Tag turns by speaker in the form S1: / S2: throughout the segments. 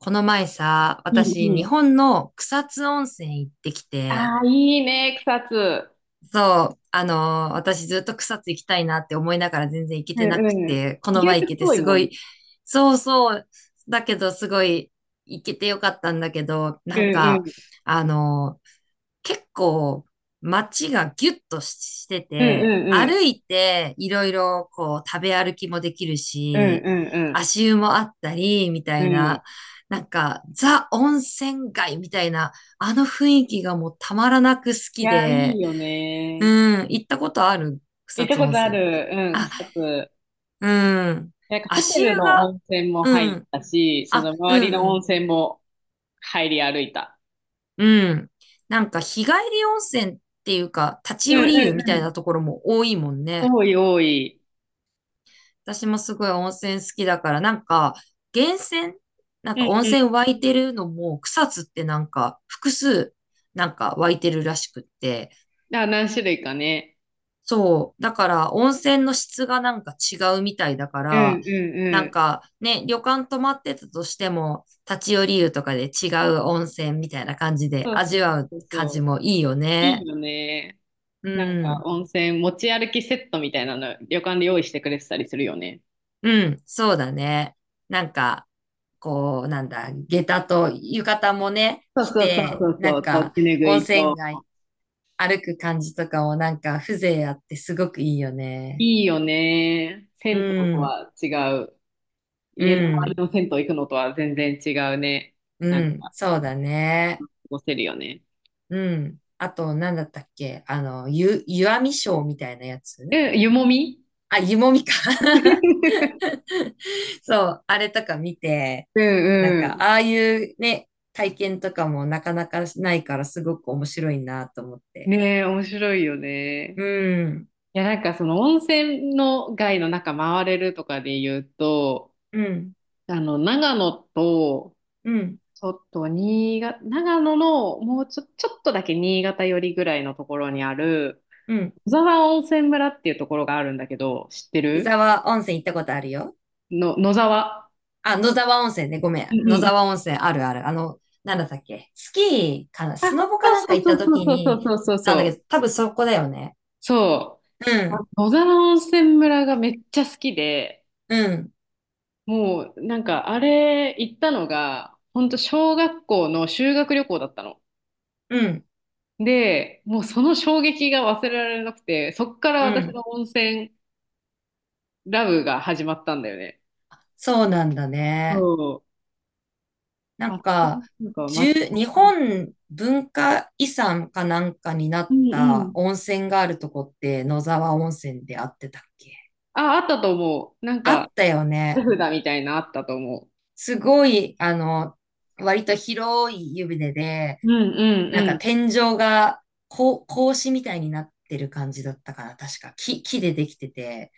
S1: この前さ、
S2: うん
S1: 私、
S2: う
S1: 日
S2: ん。
S1: 本の草津温泉行ってきて、
S2: ああ、いいね、草津。
S1: そう、私ずっと草津行きたいなって思いながら全然行け
S2: う
S1: てな
S2: んう
S1: く
S2: ん。
S1: て、この
S2: 意外
S1: 前行
S2: と
S1: けて
S2: 遠い
S1: す
S2: も
S1: ご
S2: ん。
S1: い、そうそう、だけどすごい行けてよかったんだけど、
S2: うんうん。
S1: あの結構街がギュッとして
S2: うんう
S1: て、
S2: んうん。
S1: 歩いていろいろこう食べ歩きもできる
S2: うん
S1: し、
S2: うん
S1: 足湯もあったり、みた
S2: うん。
S1: い
S2: うん。い
S1: な、なんかザ温泉街みたいな、あの雰囲気がもうたまらなく好き
S2: や、いい
S1: で、
S2: よ
S1: う
S2: ね。
S1: ん、行ったことある
S2: 行
S1: 草
S2: った
S1: 津
S2: こ
S1: 温
S2: とあ
S1: 泉って？
S2: る。うん、
S1: あ、
S2: 草津。
S1: うん、
S2: なんかホテ
S1: 足
S2: ル
S1: 湯
S2: の
S1: が、
S2: 温泉も
S1: う
S2: 入っ
S1: ん、
S2: たし、そ
S1: あ、
S2: の周りの
S1: う
S2: 温
S1: ん、
S2: 泉も入り歩いた。
S1: うん。なんか日帰り温泉っていうか、立ち
S2: うんう
S1: 寄り湯みたい
S2: ん
S1: なところも多いもん
S2: うん。
S1: ね。
S2: 多い多い。
S1: 私もすごい温泉好きだから、なんか源泉、なん
S2: う
S1: か
S2: ん
S1: 温
S2: う
S1: 泉湧いてるのも草津ってなんか複数なんか湧いてるらしくって。
S2: ん。あ、何種類かね。
S1: そう。だから温泉の質がなんか違うみたいだか
S2: うんう
S1: ら、
S2: ん
S1: な
S2: う
S1: ん
S2: ん。
S1: かね、旅館泊まってたとしても、立ち寄り湯とかで違う温泉みたいな感じで
S2: そうそ
S1: 味
S2: う
S1: わう
S2: そう
S1: 感
S2: そ
S1: じ
S2: う。
S1: もいいよ
S2: い
S1: ね。
S2: いよね。
S1: う
S2: なんか
S1: ん。
S2: 温泉持ち歩きセットみたいなの旅館で用意してくれてたりするよね。
S1: うん、そうだね。なんか、こう、なんだ、下駄と浴衣もね、
S2: そう
S1: 着
S2: そうそう
S1: て、
S2: そう
S1: な
S2: そ
S1: ん
S2: う、と
S1: か、
S2: 手ぬぐ
S1: 温
S2: い
S1: 泉
S2: と。
S1: 街歩く感じとかもなんか、風情あってすごくいいよね。
S2: いいよね。
S1: う
S2: 銭湯と
S1: ん、
S2: は違う。
S1: う
S2: 家の周り
S1: ん、
S2: の銭湯行くのとは全然違うね。
S1: うん、
S2: 過
S1: そうだね。
S2: ごせるよね。
S1: うん。あと、なんだったっけあの、湯あみショーみたいなやつ、
S2: え、湯もみ。
S1: あ、湯もみか。そう、あれとか見て、
S2: う
S1: なん
S2: ん
S1: か、
S2: う
S1: ああいうね、体験とかもなかなかないからすごく面白いなと思っ
S2: ん。
S1: て。
S2: ねえ、面白いよね。
S1: うん、
S2: いや、なんかその温泉の街の中回れるとかで言うと、
S1: うん、
S2: 長野と
S1: うん、
S2: ちょっと新潟、長野のもうちょ、ちょっとだけ新潟寄りぐらいのところにある
S1: うん。
S2: 野沢温泉村っていうところがあるんだけど、知って
S1: 湯
S2: る
S1: 沢温泉行ったことあるよ。
S2: の、野沢。
S1: あ、野沢温泉ね、ごめん。
S2: うんう
S1: 野
S2: んう
S1: 沢
S2: ん。
S1: 温泉あるある。あの、なんだったっけスキーかな
S2: あ、
S1: スノボかなんか
S2: そう
S1: 行っ
S2: そ
S1: た
S2: うそう
S1: 時
S2: そうそう
S1: に
S2: そうそ
S1: 行っ
S2: う
S1: たん
S2: そ
S1: だけ
S2: う。
S1: ど、多分そこだよね。
S2: そ
S1: う
S2: う。あ、
S1: ん、
S2: 野沢温泉村がめっちゃ好きで、
S1: うん、
S2: もうあれ行ったのが、ほんと小学校の修学旅行だったの。
S1: うん、
S2: で、もうその衝撃が忘れられなくて、そっから
S1: う
S2: 私
S1: ん。
S2: の温泉ラブが始まったんだよね。
S1: そうなんだ
S2: そ
S1: ね。
S2: う。
S1: なん
S2: あ、
S1: か、
S2: なんか街
S1: 十
S2: の
S1: 日
S2: 感じ。
S1: 本文化遺産かなんかにな
S2: う
S1: っ
S2: んう
S1: た
S2: ん。
S1: 温泉があるとこって野沢温泉であってたっけ？
S2: あ、あったと思う。
S1: あったよ
S2: 手
S1: ね。
S2: 札みたいなあったと思
S1: すごい、あの、割と広い湯船で、
S2: う。うん
S1: なん
S2: う
S1: か
S2: ん
S1: 天井がこう格子みたいになってる感じだったかな。確か木でできてて。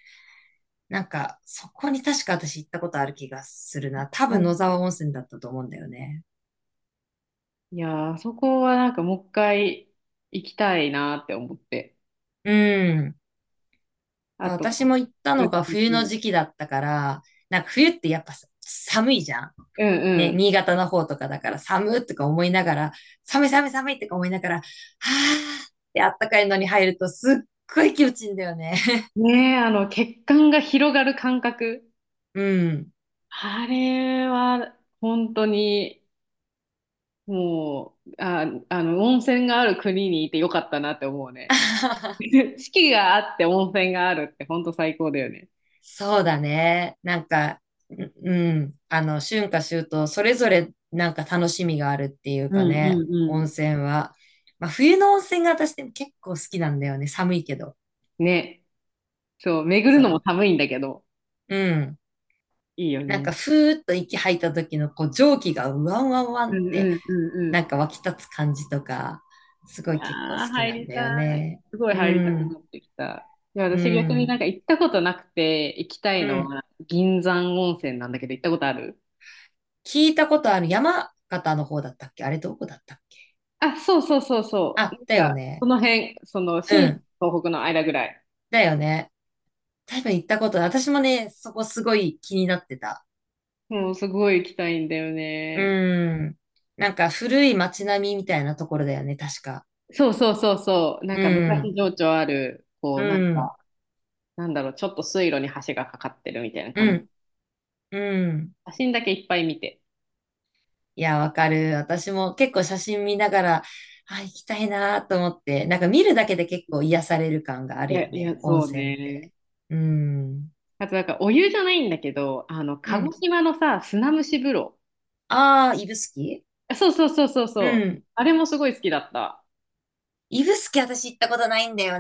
S1: なんか、そこに確か私行ったことある気がするな。多
S2: う
S1: 分野沢温
S2: ん。
S1: 泉だったと思うんだよね。
S2: いやー、あそこはなんかもう一回行きたいなって思って。
S1: うん。
S2: あと、
S1: 私も行った
S2: う
S1: の
S2: ん
S1: が冬
S2: うん
S1: の
S2: うん。
S1: 時期だったから、なんか冬ってやっぱさ寒いじゃん。
S2: う
S1: ね、
S2: ん
S1: 新潟の方とかだから寒っとか思いながら、寒い寒い寒いとか思いながら、はーってあったかいのに入るとすっごい気持ちいいんだよね。
S2: うん。ねえ、血管が広がる感覚。
S1: うん。
S2: あれは、本当に、もう、温泉がある国にいてよかったなって思うね。四季があって温泉があるってほんと最高だよね。
S1: そうだね。なんか、ううん。あの、春夏秋冬、それぞれなんか楽しみがあるっていう
S2: う
S1: か
S2: ん
S1: ね、
S2: うん
S1: 温
S2: う
S1: 泉は。まあ、冬の温泉が私でも結構好きなんだよね。寒いけど。
S2: ん。ね。そう、巡
S1: そ
S2: るのも
S1: う。
S2: 寒いんだけど。
S1: うん。
S2: いいよ
S1: なん
S2: ね。
S1: かふーっと息吐いた時のこう蒸気がうわんわんわんっ
S2: うん
S1: て
S2: うんうんう
S1: な
S2: ん。
S1: んか湧き立つ感じとか、す
S2: い
S1: ご
S2: や
S1: い結構好
S2: ー、
S1: き
S2: 入
S1: なん
S2: り
S1: だよ
S2: たい。
S1: ね。
S2: すごい
S1: う
S2: 入りたく
S1: ん、
S2: なってきた。いや、
S1: う
S2: 私逆にな
S1: ん、
S2: んか行ったことなくて行きた
S1: う
S2: いの
S1: ん。
S2: は銀山温泉なんだけど、行ったことある？
S1: 聞いたことある山形の方だったっけ？あれどこだったっけ？
S2: あ、そうそうそうそう。
S1: あ、だ
S2: な
S1: よ
S2: んか、そ
S1: ね。
S2: の辺、その、
S1: う
S2: 新
S1: ん、
S2: 東北の間ぐらい。
S1: だよね。多分行ったことない。私もね、そこすごい気になってた。
S2: もうすごい行きたいんだよ
S1: う
S2: ね。
S1: ん。なんか古い街並みみたいなところだよね、確か。
S2: そうそうそうそう。なん
S1: う
S2: か昔
S1: ん、
S2: 情緒ある、
S1: うん、
S2: ちょっと水路に橋がかかってるみたいな
S1: う
S2: 感じ。
S1: ん、うん。
S2: 写真だけいっぱい見て。
S1: いや、わかる。私も結構写真見ながら、あ、行きたいなと思って、なんか見るだけで結構癒される感があ
S2: い
S1: るよ
S2: や、い
S1: ね、
S2: や、
S1: 温
S2: そう
S1: 泉っ
S2: ね。
S1: て。うん。
S2: あとなんかお湯じゃないんだけど、
S1: う
S2: 鹿児
S1: ん。
S2: 島のさ、砂蒸し風呂。
S1: ああ、指宿。
S2: あ、そうそうそうそう
S1: う
S2: そう。
S1: ん。
S2: あれもすごい好きだった。
S1: 指宿私行ったことないんだよ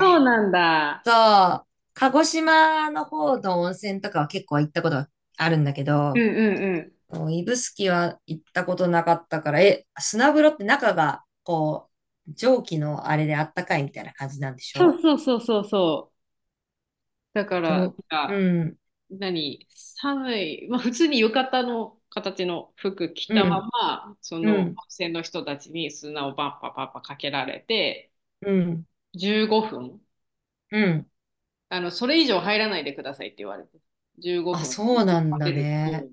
S2: そうなんだ。
S1: そう。鹿児島の方の温泉とかは結構行ったことがあるんだけ
S2: う
S1: ど、
S2: んうんうん。
S1: そう指宿は行ったことなかったから、え、砂風呂って中が、こう、蒸気のあれであったかいみたいな感じなんでし
S2: そう
S1: ょ？
S2: そうそうそうそう。だから、な
S1: ど
S2: ん
S1: う
S2: か、
S1: うん。
S2: 何、寒い、まあ普通に浴衣の形の服着
S1: う
S2: たま
S1: ん、
S2: ま、そ
S1: う
S2: の温
S1: ん、
S2: 泉の人たちに砂をパンパパッパかけられて、
S1: うん、
S2: 15分。
S1: うん。
S2: それ以上入らないでくださいって言われて、15
S1: あ、
S2: 分食
S1: そうなんだ
S2: べる
S1: ね。
S2: と、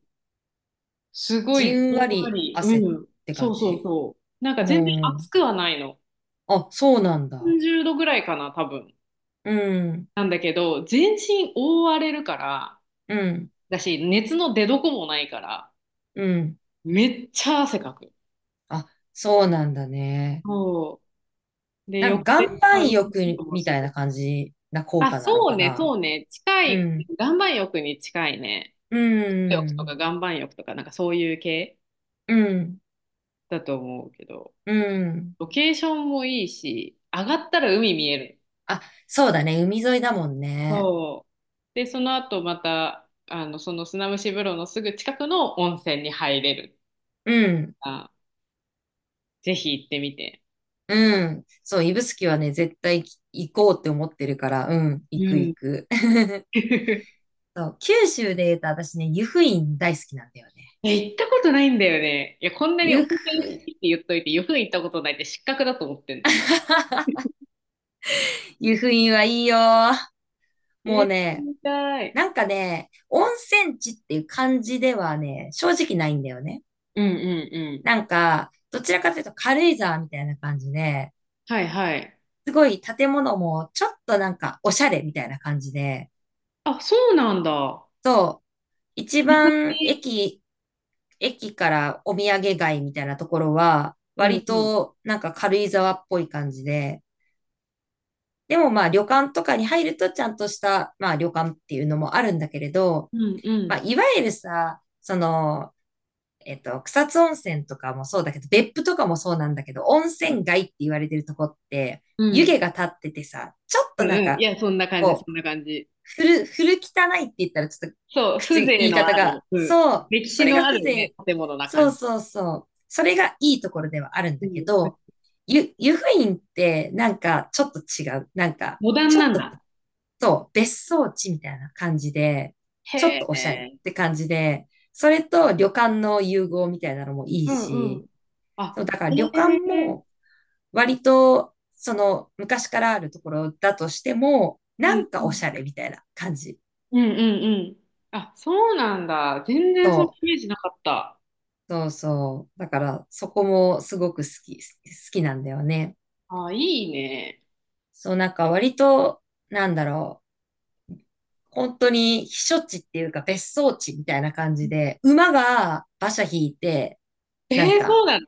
S2: すご
S1: じ
S2: いじ
S1: ん
S2: んわ
S1: わり
S2: り、
S1: 汗っ
S2: うん、
S1: て
S2: そ
S1: 感
S2: うそう
S1: じ？
S2: そう。なん
S1: う
S2: か全然熱
S1: ん。
S2: くはないの。
S1: あ、そうなんだ。
S2: 30度ぐらいかな、多分。
S1: うん、
S2: なんだけど、全身覆われるから、
S1: うん、
S2: だし、熱の出どこもないから、
S1: うん。
S2: めっちゃ汗かく。
S1: あ、そうなんだね。
S2: そう。で、
S1: なん
S2: 横
S1: か
S2: で、
S1: 岩
S2: あ、
S1: 盤
S2: うん、う
S1: 浴
S2: んも
S1: み
S2: す
S1: たい
S2: る。
S1: な感じな効
S2: あ、
S1: 果なの
S2: そう
S1: か
S2: ね、
S1: な。
S2: そうね。近
S1: う
S2: い、
S1: ん、
S2: 岩盤浴に近いね。
S1: う
S2: 岩盤浴とか
S1: ん、
S2: 岩盤浴とか、なんかそういう系
S1: うん、
S2: だと思うけど。
S1: うん。
S2: ロケーションもいいし、上がったら海見える。
S1: あ、そうだね。海沿いだもんね。
S2: そう。で、その後また、その砂蒸し風呂のすぐ近くの温泉に入れる。
S1: うん。
S2: あ、ぜひ行ってみて。
S1: うん。そう、指宿はね、絶対行こうって思ってるから、うん、行
S2: う
S1: く行
S2: ん。
S1: く。そう、九州で言うと私ね、湯布院大好きなんだよね。
S2: え、行ったことないんだよね。いや、こんなに
S1: 湯
S2: 温
S1: 布
S2: 泉好き
S1: 院。
S2: って言っといて、よく行ったことないって失格だと思ってんの。
S1: 湯布院はいいよ。
S2: え
S1: もう
S2: ー、
S1: ね、
S2: 行きたい。
S1: なんかね、温泉地っていう感じではね、正直ないんだよね。
S2: うんうんうん。
S1: なんか、どちらかというと軽井沢みたいな感じで、
S2: はいはい。
S1: すごい建物もちょっとなんかおしゃれみたいな感じで、
S2: あ、そうなんだ。
S1: そう、一
S2: 水上。
S1: 番駅駅からお土産街みたいなところは、
S2: うん
S1: 割
S2: うん。
S1: となんか軽井沢っぽい感じで、でもまあ旅館とかに入るとちゃんとした、まあ旅館っていうのもあるんだけれど、
S2: うんう
S1: まあ
S2: ん。
S1: いわゆるさ、その、えっと、草津温泉とかもそうだけど、別府とかもそうなんだけど、温
S2: うん。
S1: 泉街って言われてるとこって、湯
S2: う
S1: 気が立っててさ、ちょっ
S2: ん
S1: となん
S2: うん。い
S1: か、
S2: や、そんな感じ、
S1: こ
S2: そ
S1: う、
S2: んな感じ。
S1: 古汚いって言ったらちょっと
S2: そう、風情
S1: 言い
S2: のあ
S1: 方
S2: る、
S1: が、
S2: うん、
S1: そう、
S2: 歴
S1: そ
S2: 史
S1: れ
S2: の
S1: が
S2: ある
S1: 風
S2: ね、
S1: 情、
S2: 建物な
S1: そ
S2: 感
S1: う
S2: じ。
S1: そうそう、それがいいところではあるん
S2: う
S1: だけ
S2: ん、
S1: ど、湯布院ってなんかちょっと違う。なんか、
S2: モダン
S1: ちょ
S2: な
S1: っ
S2: ん
S1: と、
S2: だ。
S1: そう、別荘地みたいな感じで、ちょっ
S2: へ
S1: とおしゃれっ
S2: え。
S1: て感じで、それと旅館の融合みたいなのもいい
S2: うんうん。
S1: し、そ
S2: あ、
S1: う、だから旅館
S2: へ
S1: も
S2: え。
S1: 割と、その昔からあるところだとしても、
S2: う
S1: な
S2: ん
S1: ん
S2: う
S1: かおし
S2: ん。
S1: ゃれみたいな感じ。
S2: うんうんうん。あ、そうなんだ。全然その
S1: そ
S2: イメージなかった。
S1: う、そうそう。だから、そこもすごく好きなんだよね。
S2: あ、いいね。
S1: そう、なんか割と、なんだろう。本当に避暑地っていうか別荘地みたいな感じで、馬が馬車引いて、
S2: え
S1: なん
S2: ー、そ
S1: か、
S2: うなの？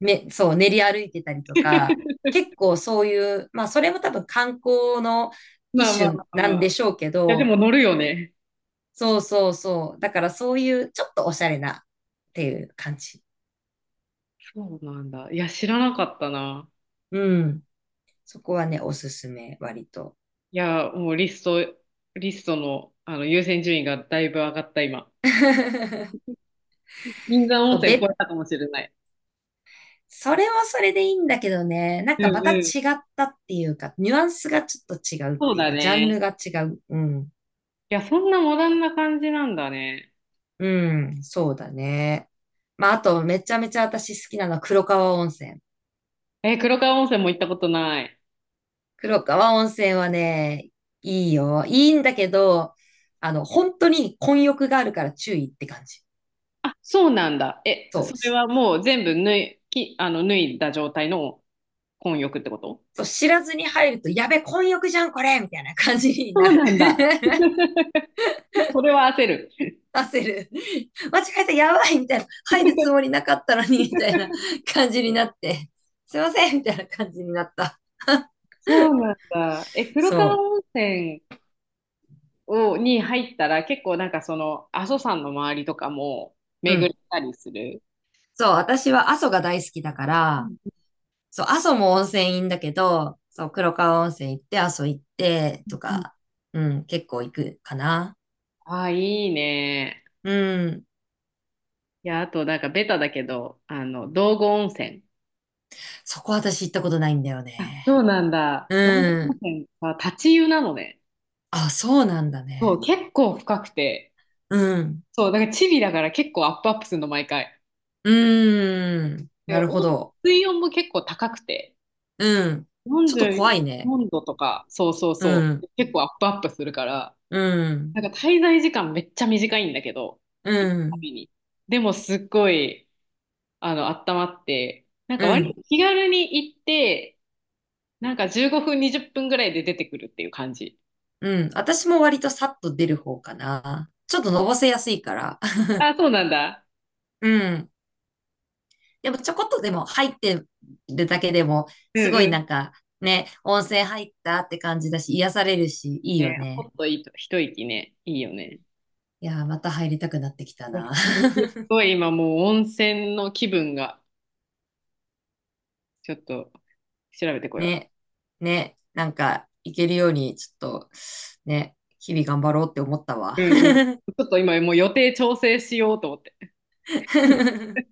S1: そう、練り歩いてたりとか、結構そういう、まあそれも多分観光の
S2: まあ
S1: 一
S2: まあ
S1: 種
S2: まあ
S1: な
S2: ま
S1: んで
S2: あ。い
S1: しょうけ
S2: や、で
S1: ど、
S2: も乗るよね。
S1: そうそうそう。だからそういうちょっとおしゃれなっていう感じ。
S2: そうなんだ。いや、知らなかったな。
S1: うん。そこはね、おすすめ、割と。
S2: いや、もうリスト、リストの、あの優先順位がだいぶ上がった今。銀山温
S1: そう、
S2: 泉超
S1: 別
S2: えたかもしれない。
S1: それもそれでいいんだけどね、なん
S2: う
S1: かま
S2: ん
S1: た違
S2: うん。
S1: ったっていうか、ニュアンスがちょっと違うっ
S2: そう
S1: ていう
S2: だ
S1: か、ジャ
S2: ね。
S1: ン
S2: い
S1: ルが違う。うん。
S2: や、そんなモダンな感じなんだね。
S1: うん、そうだね。まあ、あと、めちゃめちゃ私好きなのは黒川温泉。
S2: え、黒川温泉も行ったことない。
S1: 黒川温泉はね、いいよ。いいんだけど、あの、本当に混浴があるから注意って感じ。
S2: あ、そうなんだ。え、
S1: そう。
S2: それはもう全部脱い、き、あの、脱いだ状態の混浴ってこと？
S1: そう知らずに入ると、やべ、混浴じゃん、これみたいな感じに
S2: そ
S1: な
S2: う
S1: る。
S2: なんだ。それは焦る。
S1: 出せる。間違えた、やばいみたいな。入るつもりなかったのに、みたいな感じになって。すいませんみたいな感じになった。
S2: そうなんだ。え、黒川
S1: そ
S2: 温泉を、に入ったら結構なんかその阿蘇山の周りとかも
S1: う。う
S2: 巡っ
S1: ん。
S2: たりする？
S1: そう、私は阿蘇が大好きだか
S2: う
S1: ら、
S2: んう
S1: そう、阿蘇も温泉いいんだけど、そう、黒川温泉行って、阿蘇行って、
S2: ん
S1: と
S2: うん。
S1: か、うん、結構行くかな。
S2: ああ、いいね。
S1: うん。
S2: いや、あとなんかベタだけど、道後温泉。
S1: そこ私行ったことないんだよ
S2: あ、
S1: ね。
S2: そうなんだ。道後
S1: う
S2: 温
S1: ん。
S2: 泉は立ち湯なのね。
S1: あ、そうなんだ
S2: そう、
S1: ね。
S2: 結構深くて。
S1: うん。
S2: そう、だからチビだから結構アップアップするの、毎回。
S1: うーん。
S2: で、
S1: なる
S2: 温
S1: ほど。
S2: 水温も結構高くて、
S1: うん。ちょっ
S2: 44
S1: と怖いね。
S2: 度とか、そうそう
S1: う
S2: そ
S1: ん。
S2: う、結構アップアップするから、
S1: うん、
S2: なんか滞在時間めっちゃ短いんだけど、
S1: う
S2: 行くた
S1: ん、
S2: びに。でもすっごい、温まって、なんか
S1: う
S2: 割
S1: ん、
S2: と気軽に行って、なんか15分、20分ぐらいで出てくるっていう感じ。
S1: うん。私も割とさっと出る方かな。ちょっとのぼせやすいから。
S2: あ、そうなんだ。
S1: うん。でもちょこっとでも入ってるだけでも、
S2: う
S1: すごいな
S2: ん。
S1: んかね、温泉入ったって感じだし、癒されるし、いいよ
S2: ね、ほ
S1: ね。
S2: っといいと、一息ね、いいよね。
S1: いやー、また入りたくなってきた
S2: いや、
S1: な。
S2: ごい今もう温泉の気分が、ちょっと調べて こよ
S1: ね、ね、なんか行けるように、ちょっと、ね、日々頑張ろうって思ったわ。
S2: う。うんうん。ちょっと今もう予定調整しようと思って。